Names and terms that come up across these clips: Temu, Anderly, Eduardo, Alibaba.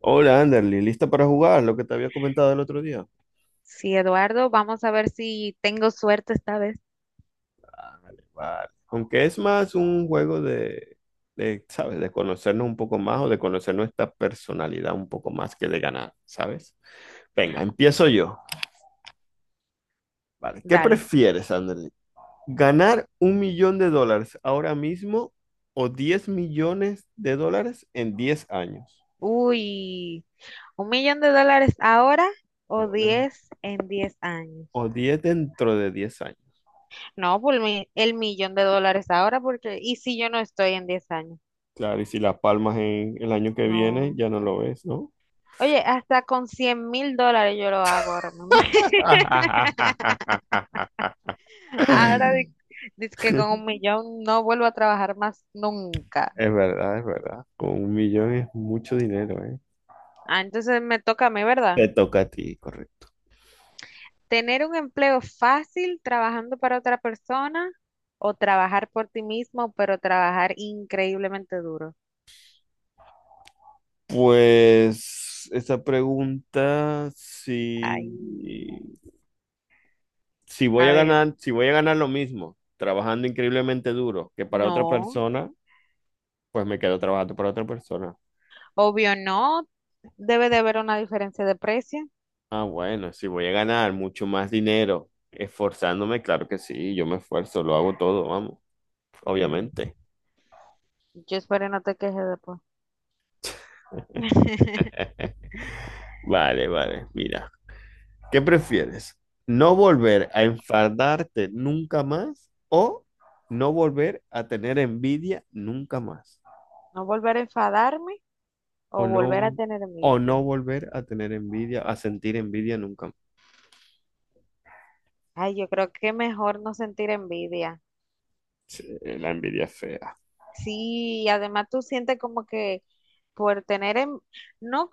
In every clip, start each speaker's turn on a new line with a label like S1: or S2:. S1: Hola, Anderly, ¿lista para jugar lo que te había comentado el otro día?
S2: Sí, Eduardo, vamos a ver si tengo suerte esta vez.
S1: Vale, vale. Aunque es más un juego ¿sabes? De conocernos un poco más o de conocer nuestra personalidad un poco más que de ganar, ¿sabes? Venga, empiezo yo. Vale, ¿qué
S2: Dale.
S1: prefieres, Anderly? ¿Ganar $1 millón ahora mismo o $10 millones en 10 años?
S2: Uy, ¿$1,000,000 ahora o
S1: Ahora,
S2: 10 en 10 años?
S1: o 10 dentro de 10 años.
S2: No, el millón de dólares ahora, porque ¿y si yo no estoy en 10 años?
S1: Claro, y si las palmas en el año que viene
S2: No.
S1: ya no lo ves, ¿no?
S2: Oye, hasta con $100,000 yo lo hago ahora mismo. Ahora dice que con 1 millón no vuelvo a trabajar más nunca.
S1: Es verdad, es verdad. Con 1 millón es mucho dinero, ¿eh?
S2: Ah, entonces me toca a mí, ¿verdad?
S1: Te toca a ti, correcto.
S2: Tener un empleo fácil trabajando para otra persona o trabajar por ti mismo, pero trabajar increíblemente duro.
S1: Pues esa pregunta,
S2: Ay,
S1: si voy
S2: a
S1: a
S2: ver,
S1: ganar, si voy a ganar lo mismo, trabajando increíblemente duro que para otra
S2: no,
S1: persona, pues me quedo trabajando para otra persona.
S2: obvio no, debe de haber una diferencia de precio.
S1: Ah, bueno, si voy a ganar mucho más dinero esforzándome, claro que sí, yo me esfuerzo, lo hago todo, vamos,
S2: Mm,
S1: obviamente.
S2: yo espero no te quejes después.
S1: Vale, vale, mira. ¿Qué prefieres? ¿No volver a enfadarte nunca más o no volver a tener envidia nunca más?
S2: No volver a enfadarme o
S1: O no,
S2: volver a
S1: vol-
S2: tener
S1: o
S2: envidia.
S1: no volver a tener envidia, a sentir envidia nunca más.
S2: Ay, yo creo que mejor no sentir envidia.
S1: Sí, la envidia es fea.
S2: Sí, además tú sientes como que por tener, en- no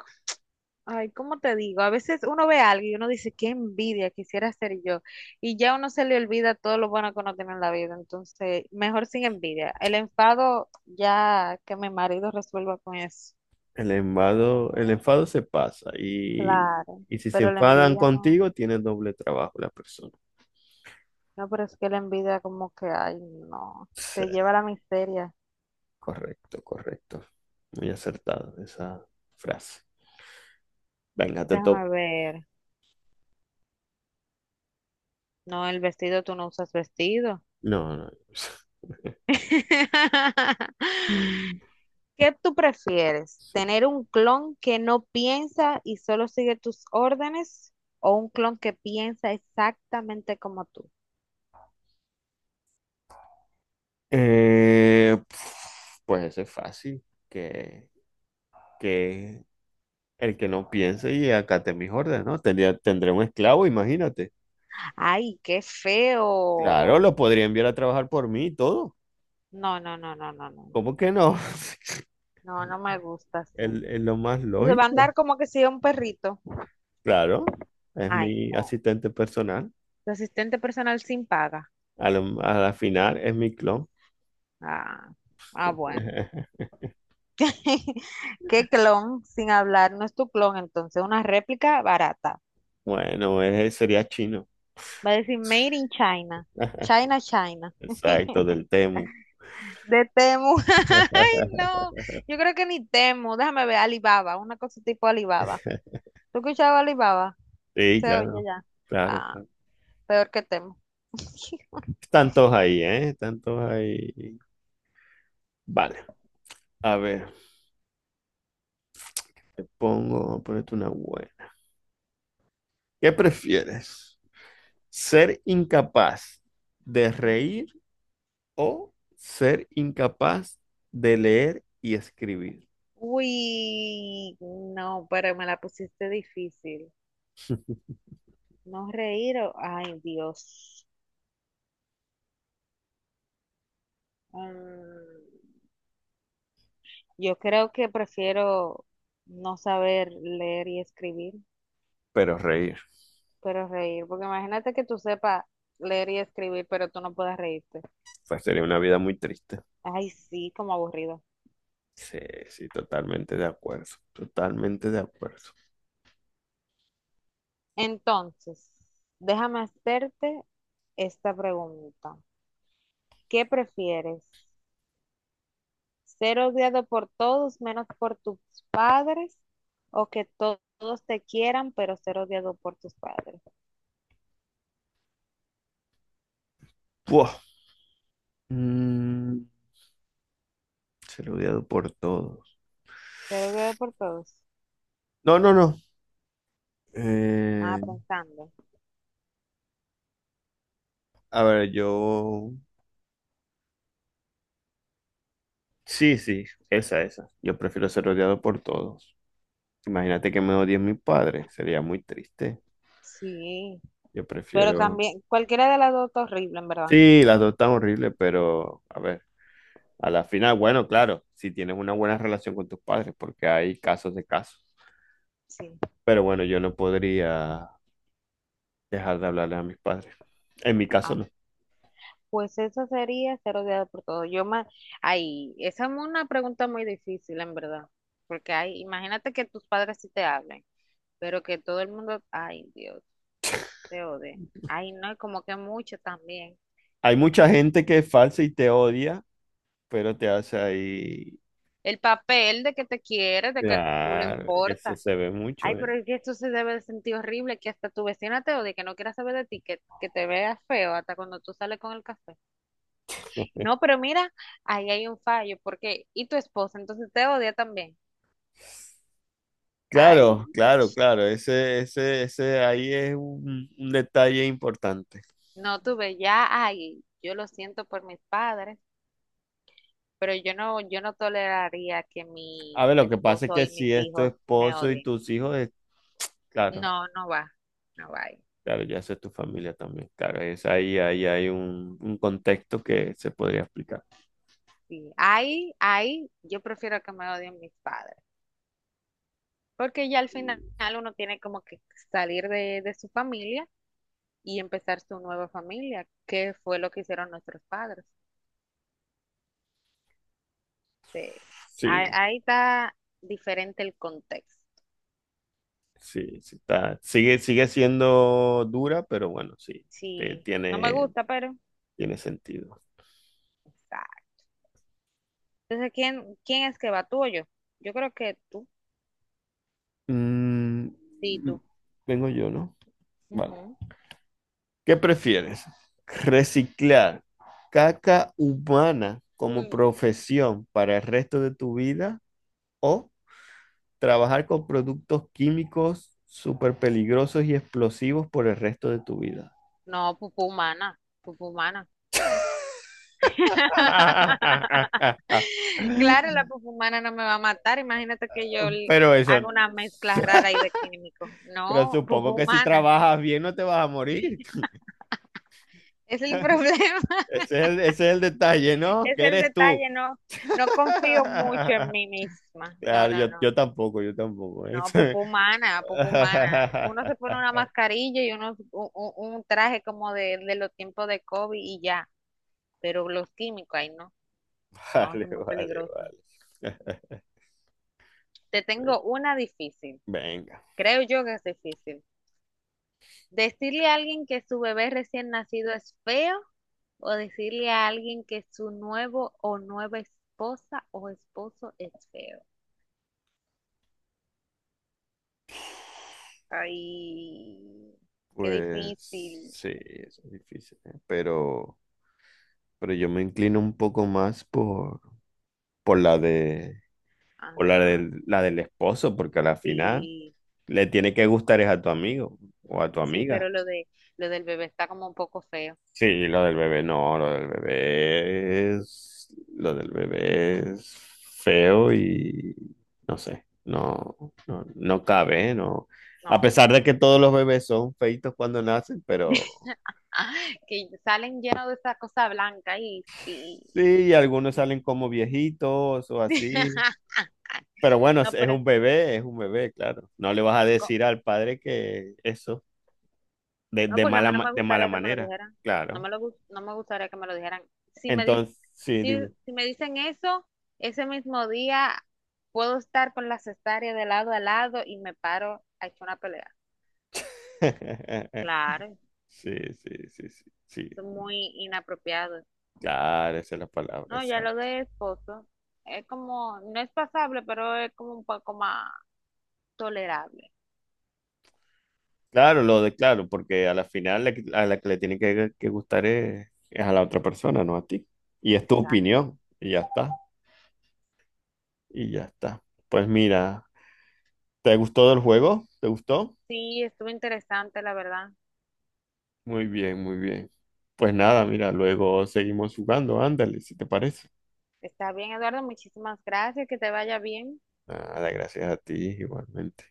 S2: Ay, ¿cómo te digo? A veces uno ve a alguien y uno dice, qué envidia quisiera ser yo. Y ya uno se le olvida todo lo bueno que uno tiene en la vida. Entonces, mejor sin envidia. El enfado, ya que mi marido resuelva con eso.
S1: El enfado se pasa
S2: Claro,
S1: y si se
S2: pero la
S1: enfadan
S2: envidia no.
S1: contigo, tienes doble trabajo la persona.
S2: No, pero es que la envidia como que, ay, no.
S1: Sí,
S2: Te lleva a la miseria.
S1: correcto, correcto. Muy acertado esa frase. Venga, te
S2: Déjame
S1: toco.
S2: ver. No, el vestido, tú no usas vestido.
S1: No, no. Mm.
S2: ¿Qué tú prefieres?
S1: Sí.
S2: ¿Tener un clon que no piensa y solo sigue tus órdenes? ¿O un clon que piensa exactamente como tú?
S1: Eh, pf, pues ese es fácil, que, que el que no piense y acate mis órdenes, ¿no? Tendré un esclavo, imagínate.
S2: ¡Ay, qué
S1: Claro,
S2: feo!
S1: lo podría enviar a trabajar por mí y todo.
S2: No, no, no, no, no, no.
S1: ¿Cómo que no?
S2: No, no me gusta así.
S1: Es lo más
S2: Se va a
S1: lógico.
S2: andar como que sea un perrito.
S1: Claro, es
S2: Ay,
S1: mi
S2: no.
S1: asistente personal.
S2: Tu asistente personal sin paga.
S1: A la final es mi clon.
S2: Ah, ah, bueno. ¿Qué clon sin hablar? No es tu clon, entonces. Una réplica barata.
S1: Bueno, ese sería chino.
S2: Va a decir Made in China. China, China.
S1: Exacto, del Temu.
S2: De Temu. Ay, no. Yo creo que ni Temu. Déjame ver, Alibaba, una cosa tipo Alibaba. ¿Tú escuchabas Alibaba?
S1: Sí,
S2: Se oye
S1: claro,
S2: ya.
S1: claro,
S2: Ah,
S1: claro.
S2: peor que Temu.
S1: Tantos ahí, ¿eh? Tantos ahí. Vale, a ver, ponete una buena. ¿Qué prefieres? ¿Ser incapaz de reír o ser incapaz de leer y escribir?
S2: Uy, no, pero me la pusiste difícil. No reír o... Ay, Dios. Mm, yo creo que prefiero no saber leer y escribir,
S1: Pero reír,
S2: pero reír. Porque imagínate que tú sepas leer y escribir, pero tú no puedas reírte.
S1: pues sería una vida muy triste.
S2: Ay, sí, como aburrido.
S1: Sí, sí, totalmente de acuerdo, totalmente de acuerdo.
S2: Entonces, déjame hacerte esta pregunta. ¿Qué prefieres? ¿Ser odiado por todos menos por tus padres o que todos te quieran pero ser odiado por tus padres?
S1: Buah, mm, ser odiado por todos.
S2: Ser odiado por todos.
S1: No, no, no.
S2: Ah,
S1: Eh,
S2: pensando.
S1: a ver, yo sí, sí, esa, esa. Yo prefiero ser odiado por todos. Imagínate que me odien mis padres, sería muy triste.
S2: Sí,
S1: Yo
S2: pero
S1: prefiero...
S2: también cualquiera de las dos está horrible, en verdad.
S1: Sí, las dos están horribles, pero a ver, a la final, bueno, claro, si tienes una buena relación con tus padres, porque hay casos de casos.
S2: Sí.
S1: Pero bueno, yo no podría dejar de hablarle a mis padres. En mi caso no.
S2: Pues eso sería ser odiado por todo. Yo más, ay, esa es una pregunta muy difícil, en verdad, porque hay, imagínate que tus padres sí te hablen, pero que todo el mundo, ay, Dios, te odie. Ay, no, y como que mucho también.
S1: Hay mucha gente que es falsa y te odia, pero te hace ahí...
S2: El papel de que te quieres, de que tú le
S1: Claro, eso
S2: importas.
S1: se ve mucho,
S2: Ay,
S1: ¿eh?
S2: pero es que esto se debe de sentir horrible, que hasta tu vecina te odie, que no quiera saber de ti, que te veas feo hasta cuando tú sales con el café. No, pero mira, ahí hay un fallo, porque, y tu esposa, entonces te odia también. Ay.
S1: Claro, claro, claro. Ese ahí es un detalle importante.
S2: No tuve ya, ay, yo lo siento por mis padres, pero yo no, yo no toleraría que
S1: A
S2: mi
S1: ver, lo que pasa es
S2: esposo
S1: que
S2: y mis
S1: si es tu
S2: hijos me
S1: esposo y
S2: odien.
S1: tus hijos,
S2: No,
S1: claro,
S2: no va, no va ahí.
S1: claro, ya eso es tu familia también. Claro, es ahí, ahí hay un contexto que se podría explicar.
S2: Sí, ahí, ahí, yo prefiero que me odien mis padres, porque ya al final uno tiene como que salir de su familia y empezar su nueva familia, que fue lo que hicieron nuestros padres. Sí. Ahí,
S1: Sí,
S2: ahí está diferente el contexto.
S1: sí, sí está. Sigue, sigue siendo dura, pero bueno, sí, te-
S2: Sí, no me
S1: tiene,
S2: gusta, pero
S1: tiene sentido.
S2: está. Entonces, quién es que va? ¿Tú o yo? Yo creo que tú.
S1: Mm,
S2: Sí, tú.
S1: vengo yo, ¿no? Vale.
S2: Ujú.
S1: ¿Qué prefieres? ¿Reciclar caca humana como
S2: Uy,
S1: profesión para el resto de tu vida o trabajar con productos químicos súper peligrosos y explosivos por el resto de tu vida?
S2: no, pupú humana. Pupú humana. Claro, la pupú humana no me va a matar. Imagínate que yo
S1: Pero eso,
S2: haga una mezcla rara ahí de químicos.
S1: pero
S2: No, pupú
S1: supongo que si
S2: humana.
S1: trabajas bien no te vas a morir.
S2: Es el problema,
S1: Ese es ese es el detalle, ¿no?
S2: es
S1: ¿Qué
S2: el
S1: eres tú?
S2: detalle. No, no confío mucho en mí misma. No,
S1: Claro,
S2: no,
S1: yo,
S2: no.
S1: yo tampoco, yo tampoco.
S2: No, popó humana, popó humana. Uno se pone una mascarilla y un traje como de los tiempos de COVID y ya. Pero los químicos, ahí no, no, eso
S1: Vale,
S2: es muy
S1: vale,
S2: peligroso.
S1: vale.
S2: Te tengo una difícil.
S1: Venga,
S2: Creo yo que es difícil. Decirle a alguien que su bebé recién nacido es feo o decirle a alguien que su nuevo o nueva esposa o esposo es feo. Ay, qué
S1: pues
S2: difícil.
S1: sí, eso es difícil, ¿eh? Pero yo me inclino un poco más por la por
S2: Ajá,
S1: la del esposo, porque a la final
S2: sí.
S1: le tiene que gustar es a tu amigo o a tu
S2: Sí,
S1: amiga.
S2: pero lo del bebé está como un poco feo.
S1: Sí, lo del bebé no, lo del bebé es, lo del bebé es feo y no sé, no, no, no cabe, ¿eh? No. A
S2: No.
S1: pesar de que todos los bebés son feitos cuando nacen, pero
S2: Ah, que salen llenos de esa cosa blanca y,
S1: sí, y algunos
S2: y-
S1: salen como viejitos o así. Pero bueno,
S2: No, pero
S1: es un bebé, claro. No le vas a
S2: co-
S1: decir al padre que eso,
S2: no,
S1: de
S2: porque a
S1: mala,
S2: mí no me
S1: de mala
S2: gustaría que me lo
S1: manera,
S2: dijeran. No
S1: claro.
S2: me no me gustaría que me lo dijeran. Si me dis-
S1: Entonces, sí,
S2: si,
S1: dime.
S2: si me dicen eso, ese mismo día puedo estar con la cesárea de lado a lado y me paro a echar una pelea. Claro,
S1: Sí, sí, sí, sí, sí.
S2: son muy inapropiados.
S1: Claro, esa es la palabra,
S2: No, ya lo
S1: exacto.
S2: de esposo es como, no es pasable, pero es como un poco más tolerable.
S1: Claro, lo de claro, porque a la final a la que le tiene que gustar es a la otra persona, no a ti. Y es tu
S2: Exacto.
S1: opinión, y ya está, y ya está. Pues mira, ¿te gustó el juego? ¿Te gustó?
S2: Sí, estuvo interesante, la verdad.
S1: Muy bien, muy bien. Pues nada, mira, luego seguimos jugando, ándale, si te parece.
S2: Está bien, Eduardo, muchísimas gracias, que te vaya bien.
S1: Nada, gracias a ti igualmente.